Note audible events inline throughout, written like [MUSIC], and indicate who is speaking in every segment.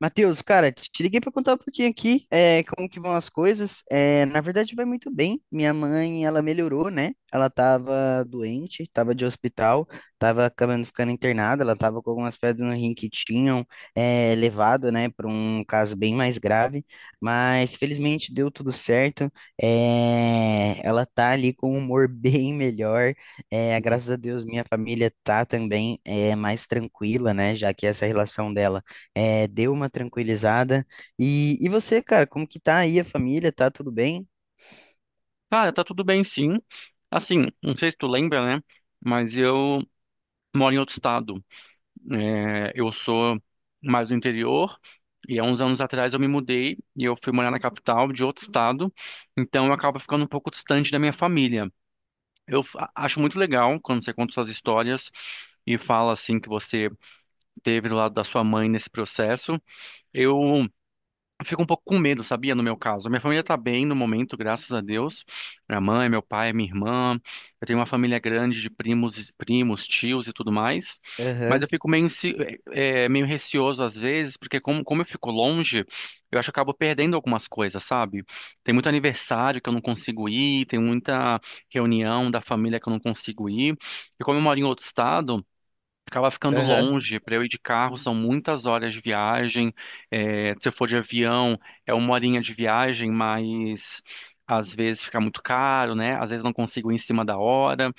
Speaker 1: Matheus, cara, te liguei para contar um pouquinho aqui, como que vão as coisas. Na verdade, vai muito bem. Minha mãe, ela melhorou, né? Ela tava doente, tava de hospital, tava acabando ficando internada. Ela tava com algumas pedras no rim que tinham levado, né, para um caso bem mais grave. Mas felizmente deu tudo certo. É, ela tá ali com um humor [LAUGHS] bem melhor. Graças a Deus, minha família tá também mais tranquila, né? Já que essa relação dela deu uma tranquilizada. E você, cara, como que tá aí a família? Tá tudo bem?
Speaker 2: Cara, tá tudo bem sim. Assim, não sei se tu lembra, né? Mas eu moro em outro estado. É, eu sou mais do interior e há uns anos atrás eu me mudei e eu fui morar na capital de outro estado. Então eu acabo ficando um pouco distante da minha família. Acho muito legal quando você conta suas histórias e fala assim que você teve do lado da sua mãe nesse processo. Eu eu fico um pouco com medo, sabia? No meu caso, minha família tá bem no momento, graças a Deus. Minha mãe, meu pai, minha irmã. Eu tenho uma família grande de primos, primos, tios e tudo mais. Mas eu
Speaker 1: Aham,
Speaker 2: fico meio, meio receoso às vezes, porque como eu fico longe, eu acho que eu acabo perdendo algumas coisas, sabe? Tem muito aniversário que eu não consigo ir, tem muita reunião da família que eu não consigo ir. E como eu moro em outro estado. Acaba ficando
Speaker 1: aham.
Speaker 2: longe para eu ir de carro, são muitas horas de viagem. É, se eu for de avião, é uma horinha de viagem, mas às vezes fica muito caro, né? Às vezes não consigo ir em cima da hora.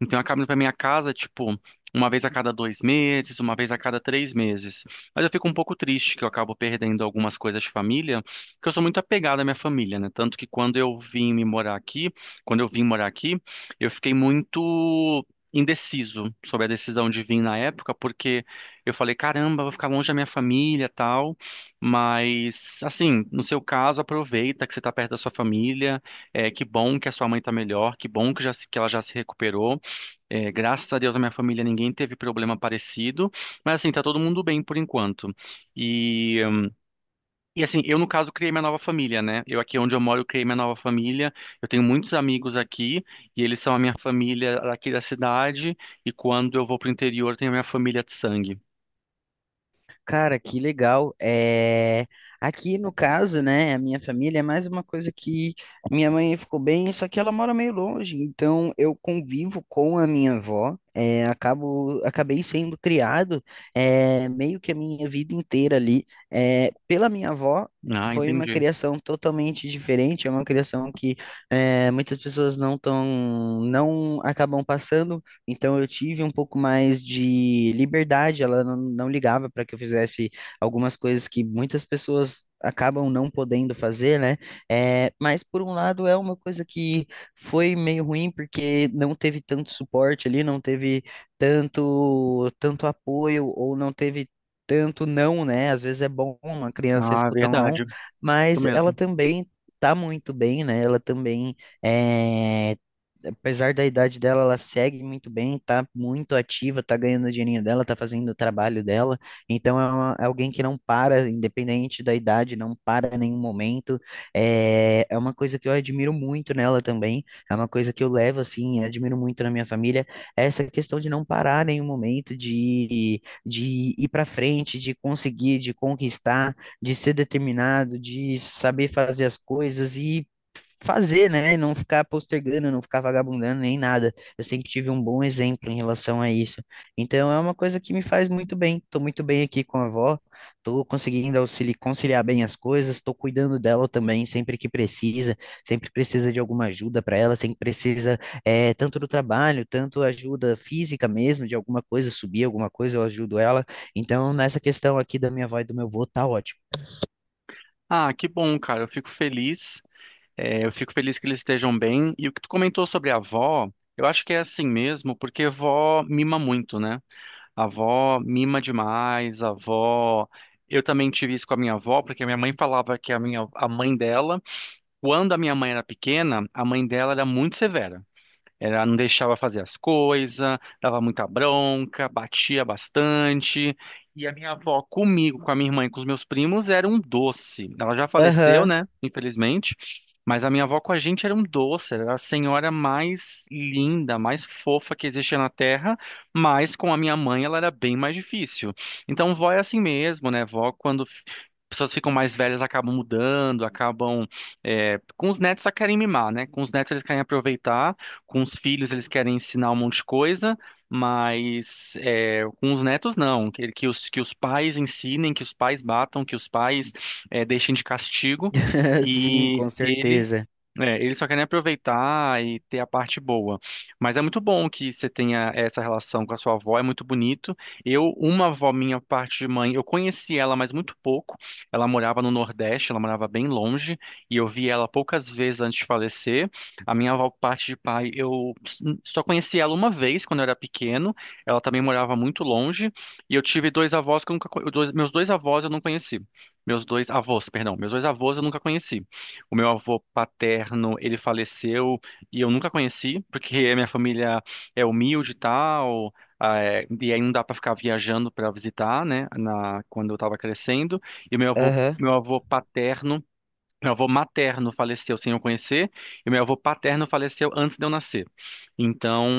Speaker 2: Então eu acabo indo para minha casa, tipo, uma vez a cada dois meses, uma vez a cada três meses. Mas eu fico um pouco triste que eu acabo perdendo algumas coisas de família, porque eu sou muito apegado à minha família, né? Tanto que quando eu vim morar aqui, eu fiquei muito indeciso sobre a decisão de vir na época, porque eu falei, caramba, vou ficar longe da minha família, tal, mas assim, no seu caso, aproveita que você está perto da sua família, é, que bom que a sua mãe está melhor, que bom que, já, se- que ela já se recuperou, é, graças a Deus na minha família ninguém teve problema parecido, mas assim, tá todo mundo bem por enquanto, e e assim, eu no caso criei minha nova família, né? Eu aqui onde eu moro, eu criei minha nova família. Eu tenho muitos amigos aqui e eles são a minha família aqui da cidade. E quando eu vou pro interior, tem a minha família de sangue.
Speaker 1: Cara, que legal. Aqui no caso, né, a minha família é mais uma coisa que minha mãe ficou bem, só que ela mora meio longe, então eu convivo com a minha avó. É, acabei sendo criado meio que a minha vida inteira ali, pela minha avó.
Speaker 2: Ah,
Speaker 1: Foi uma
Speaker 2: entendi.
Speaker 1: criação totalmente diferente, é uma criação que muitas pessoas não acabam passando. Então eu tive um pouco mais de liberdade, ela não ligava para que eu fizesse algumas coisas que muitas pessoas acabam não podendo fazer, né? É, mas por um lado é uma coisa que foi meio ruim porque não teve tanto suporte ali, não teve tanto apoio ou não teve tanto não, né? Às vezes é bom uma criança
Speaker 2: Ah,
Speaker 1: escutar um não,
Speaker 2: verdade. Isso
Speaker 1: mas ela
Speaker 2: mesmo.
Speaker 1: também tá muito bem, né? Ela também, é, apesar da idade dela, ela segue muito bem, tá muito ativa, tá ganhando o dinheirinho dela, tá fazendo o trabalho dela. Então é alguém que não para, independente da idade, não para em nenhum momento. É uma coisa que eu admiro muito nela também, é uma coisa que eu levo assim, admiro muito na minha família, é essa questão de não parar em nenhum momento, de ir para frente, de conseguir, de conquistar, de ser determinado, de saber fazer as coisas e fazer, né? Não ficar postergando, não ficar vagabundando nem nada. Eu sempre tive um bom exemplo em relação a isso. Então é uma coisa que me faz muito bem. Tô muito bem aqui com a avó, tô conseguindo conciliar bem as coisas, tô cuidando dela também sempre que precisa, sempre precisa de alguma ajuda para ela, sempre precisa tanto do trabalho, tanto ajuda física mesmo, de alguma coisa, subir alguma coisa, eu ajudo ela. Então nessa questão aqui da minha avó e do meu avô tá ótimo.
Speaker 2: Ah, que bom, cara. Eu fico feliz. É, eu fico feliz que eles estejam bem. E o que tu comentou sobre a avó, eu acho que é assim mesmo, porque vó mima muito, né? A avó mima demais, a avó. Eu também tive isso com a minha avó, porque a minha mãe falava que a mãe dela, quando a minha mãe era pequena, a mãe dela era muito severa. Ela não deixava fazer as coisas, dava muita bronca, batia bastante. E a minha avó comigo, com a minha irmã e com os meus primos era um doce. Ela já faleceu,
Speaker 1: Aham.
Speaker 2: né? Infelizmente. Mas a minha avó com a gente era um doce, era a senhora mais linda, mais fofa que existia na Terra, mas com a minha mãe ela era bem mais difícil. Então, vó é assim mesmo, né? Vó, pessoas ficam mais velhas, acabam mudando, acabam. Com os netos, elas querem mimar, né? Com os netos, eles querem aproveitar. Com os filhos eles querem ensinar um monte de coisa, mas é, com os netos não. Que os pais ensinem, que os pais batam, que os pais é, deixem de castigo.
Speaker 1: [LAUGHS] Sim,
Speaker 2: E
Speaker 1: com
Speaker 2: ele
Speaker 1: certeza.
Speaker 2: eles só querem aproveitar e ter a parte boa. Mas é muito bom que você tenha essa relação com a sua avó, é muito bonito. Eu, uma avó minha, parte de mãe, eu conheci ela, mas muito pouco. Ela morava no Nordeste, ela morava bem longe, e eu vi ela poucas vezes antes de falecer. A minha avó, parte de pai, só conheci ela uma vez quando eu era pequeno. Ela também morava muito longe, e eu tive dois avós que eu nunca, co- dois- meus dois avós eu não conheci. Meus dois avós, perdão, meus dois avós eu nunca conheci. O meu avô paterno, ele faleceu e eu nunca conheci, porque a minha família é humilde e tal, e aí não dá para ficar viajando para visitar, né, quando eu estava crescendo. E meu avô,
Speaker 1: Aham.
Speaker 2: meu avô paterno Meu avô materno faleceu sem eu conhecer, e meu avô paterno faleceu antes de eu nascer. Então,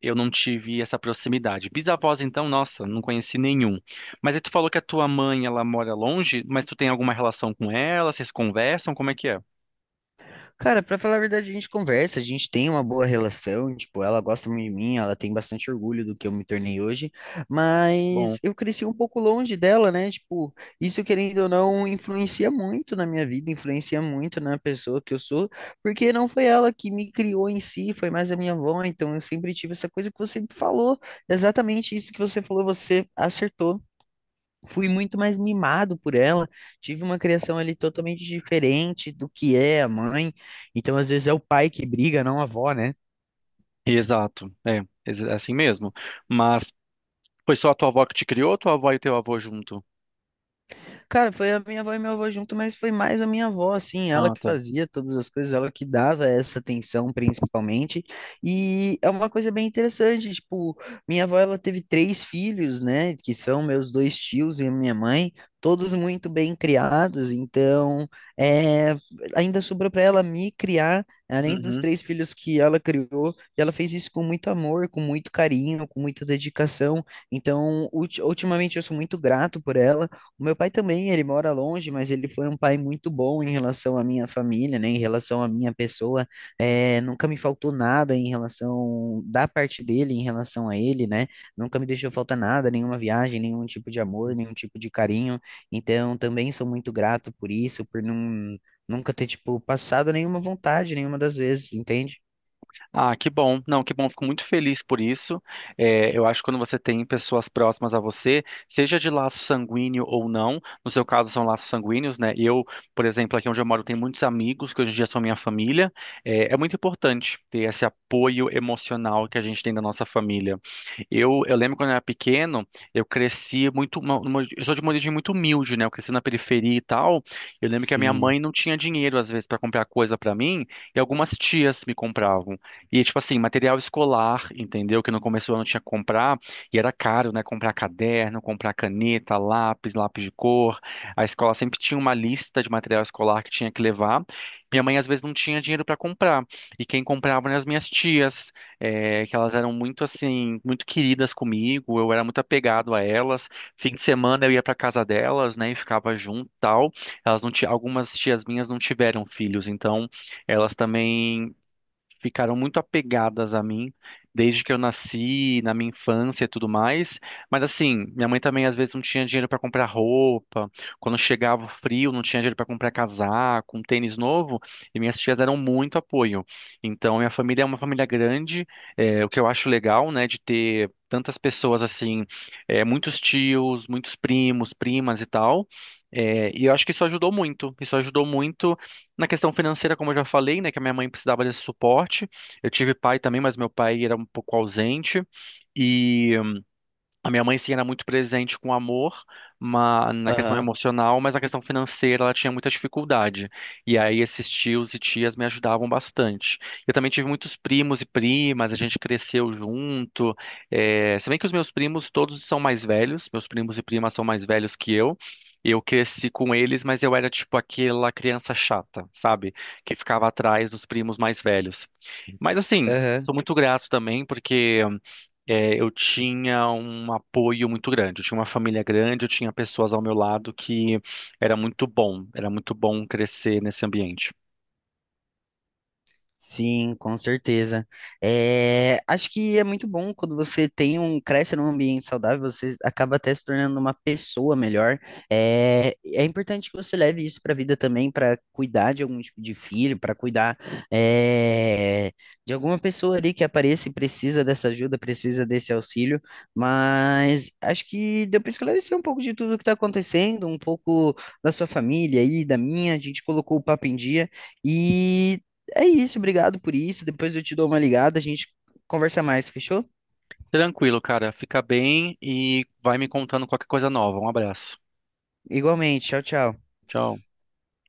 Speaker 2: eu não tive essa proximidade. Bisavós, então, nossa, não conheci nenhum. Mas aí tu falou que a tua mãe, ela mora longe, mas tu tem alguma relação com ela? Vocês conversam? Como é que é?
Speaker 1: Cara, pra falar a verdade, a gente conversa, a gente tem uma boa relação, tipo, ela gosta muito de mim, ela tem bastante orgulho do que eu me tornei hoje,
Speaker 2: Bom,
Speaker 1: mas eu cresci um pouco longe dela, né? Tipo, isso querendo ou não influencia muito na minha vida, influencia muito na pessoa que eu sou, porque não foi ela que me criou em si, foi mais a minha avó, então eu sempre tive essa coisa que você falou, exatamente isso que você falou, você acertou, fui muito mais mimado por ela, tive uma criação ali totalmente diferente do que é a mãe. Então, às vezes é o pai que briga, não a avó, né?
Speaker 2: exato, é, é assim mesmo. Mas foi só a tua avó que te criou, ou tua avó e teu avô junto?
Speaker 1: Cara, foi a minha avó e meu avô junto, mas foi mais a minha avó, assim, ela
Speaker 2: Ah,
Speaker 1: que
Speaker 2: tá.
Speaker 1: fazia todas as coisas, ela que dava essa atenção principalmente. E é uma coisa bem interessante, tipo, minha avó, ela teve três filhos, né, que são meus dois tios e a minha mãe, todos muito bem criados, então, é, ainda sobrou para ela me criar, além dos
Speaker 2: Uhum.
Speaker 1: três filhos que ela criou, e ela fez isso com muito amor, com muito carinho, com muita dedicação. Então, ultimamente eu sou muito grato por ela. O meu pai também, ele mora longe, mas ele foi um pai muito bom em relação à minha família, né? Em relação à minha pessoa. É, nunca me faltou nada em relação da parte dele, em relação a ele, né? Nunca me deixou faltar nada, nenhuma viagem, nenhum tipo de amor, nenhum tipo de carinho. Então, também sou muito grato por isso, por não, nunca ter, tipo, passado nenhuma vontade, nenhuma das vezes, entende?
Speaker 2: Ah, que bom. Não, que bom. Fico muito feliz por isso. É, eu acho que quando você tem pessoas próximas a você, seja de laço sanguíneo ou não, no seu caso são laços sanguíneos, né? Eu, por exemplo, aqui onde eu moro, tenho muitos amigos que hoje em dia são minha família. É, é muito importante ter esse apoio emocional que a gente tem da nossa família. Eu lembro quando eu era pequeno, eu cresci muito. Eu sou de uma origem muito humilde, né? Eu cresci na periferia e tal. Eu lembro que a minha
Speaker 1: Sim.
Speaker 2: mãe não tinha dinheiro, às vezes, para comprar coisa para mim, e algumas tias me compravam. E, tipo assim, material escolar, entendeu? Que no começo do ano tinha que comprar, e era caro, né? Comprar caderno, comprar caneta, lápis, lápis de cor. A escola sempre tinha uma lista de material escolar que tinha que levar. Minha mãe, às vezes, não tinha dinheiro para comprar. E quem comprava eram as minhas tias, que elas eram muito, assim, muito queridas comigo. Eu era muito apegado a elas. Fim de semana eu ia para casa delas, né? E ficava junto, e tal. Elas não ti- Algumas tias minhas não tiveram filhos, então elas também ficaram muito apegadas a mim desde que eu nasci, na minha infância e tudo mais. Mas assim, minha mãe também às vezes não tinha dinheiro para comprar roupa. Quando chegava o frio, não tinha dinheiro para comprar casaco, um tênis novo. E minhas tias deram muito apoio. Então, minha família é uma família grande, é, o que eu acho legal, né, de ter tantas pessoas assim, é, muitos tios, muitos primos, primas e tal. É, e eu acho que isso ajudou muito. Isso ajudou muito na questão financeira, como eu já falei, né, que a minha mãe precisava desse suporte. Eu tive pai também, mas meu pai era um pouco ausente. E a minha mãe, sim, era muito presente com amor, na questão
Speaker 1: Aham.
Speaker 2: emocional, mas na questão financeira ela tinha muita dificuldade. E aí esses tios e tias me ajudavam bastante. Eu também tive muitos primos e primas, a gente cresceu junto. É... Se bem que os meus primos todos são mais velhos, meus primos e primas são mais velhos que eu. Eu cresci com eles, mas eu era tipo aquela criança chata, sabe? Que ficava atrás dos primos mais velhos. Mas assim,
Speaker 1: Aham.
Speaker 2: tô muito grato também, porque é, eu tinha um apoio muito grande, eu tinha uma família grande, eu tinha pessoas ao meu lado que era muito bom crescer nesse ambiente.
Speaker 1: Sim, com certeza. É, acho que é muito bom quando você cresce num ambiente saudável, você acaba até se tornando uma pessoa melhor. É, é importante que você leve isso para a vida também, para cuidar de algum tipo de filho, para cuidar, é, de alguma pessoa ali que apareça e precisa dessa ajuda, precisa desse auxílio. Mas acho que deu para esclarecer um pouco de tudo que está acontecendo, um pouco da sua família e da minha. A gente colocou o papo em dia. E é isso, obrigado por isso. Depois eu te dou uma ligada, a gente conversa mais, fechou?
Speaker 2: Tranquilo, cara, fica bem e vai me contando qualquer coisa nova. Um abraço.
Speaker 1: Igualmente, tchau, tchau.
Speaker 2: Tchau.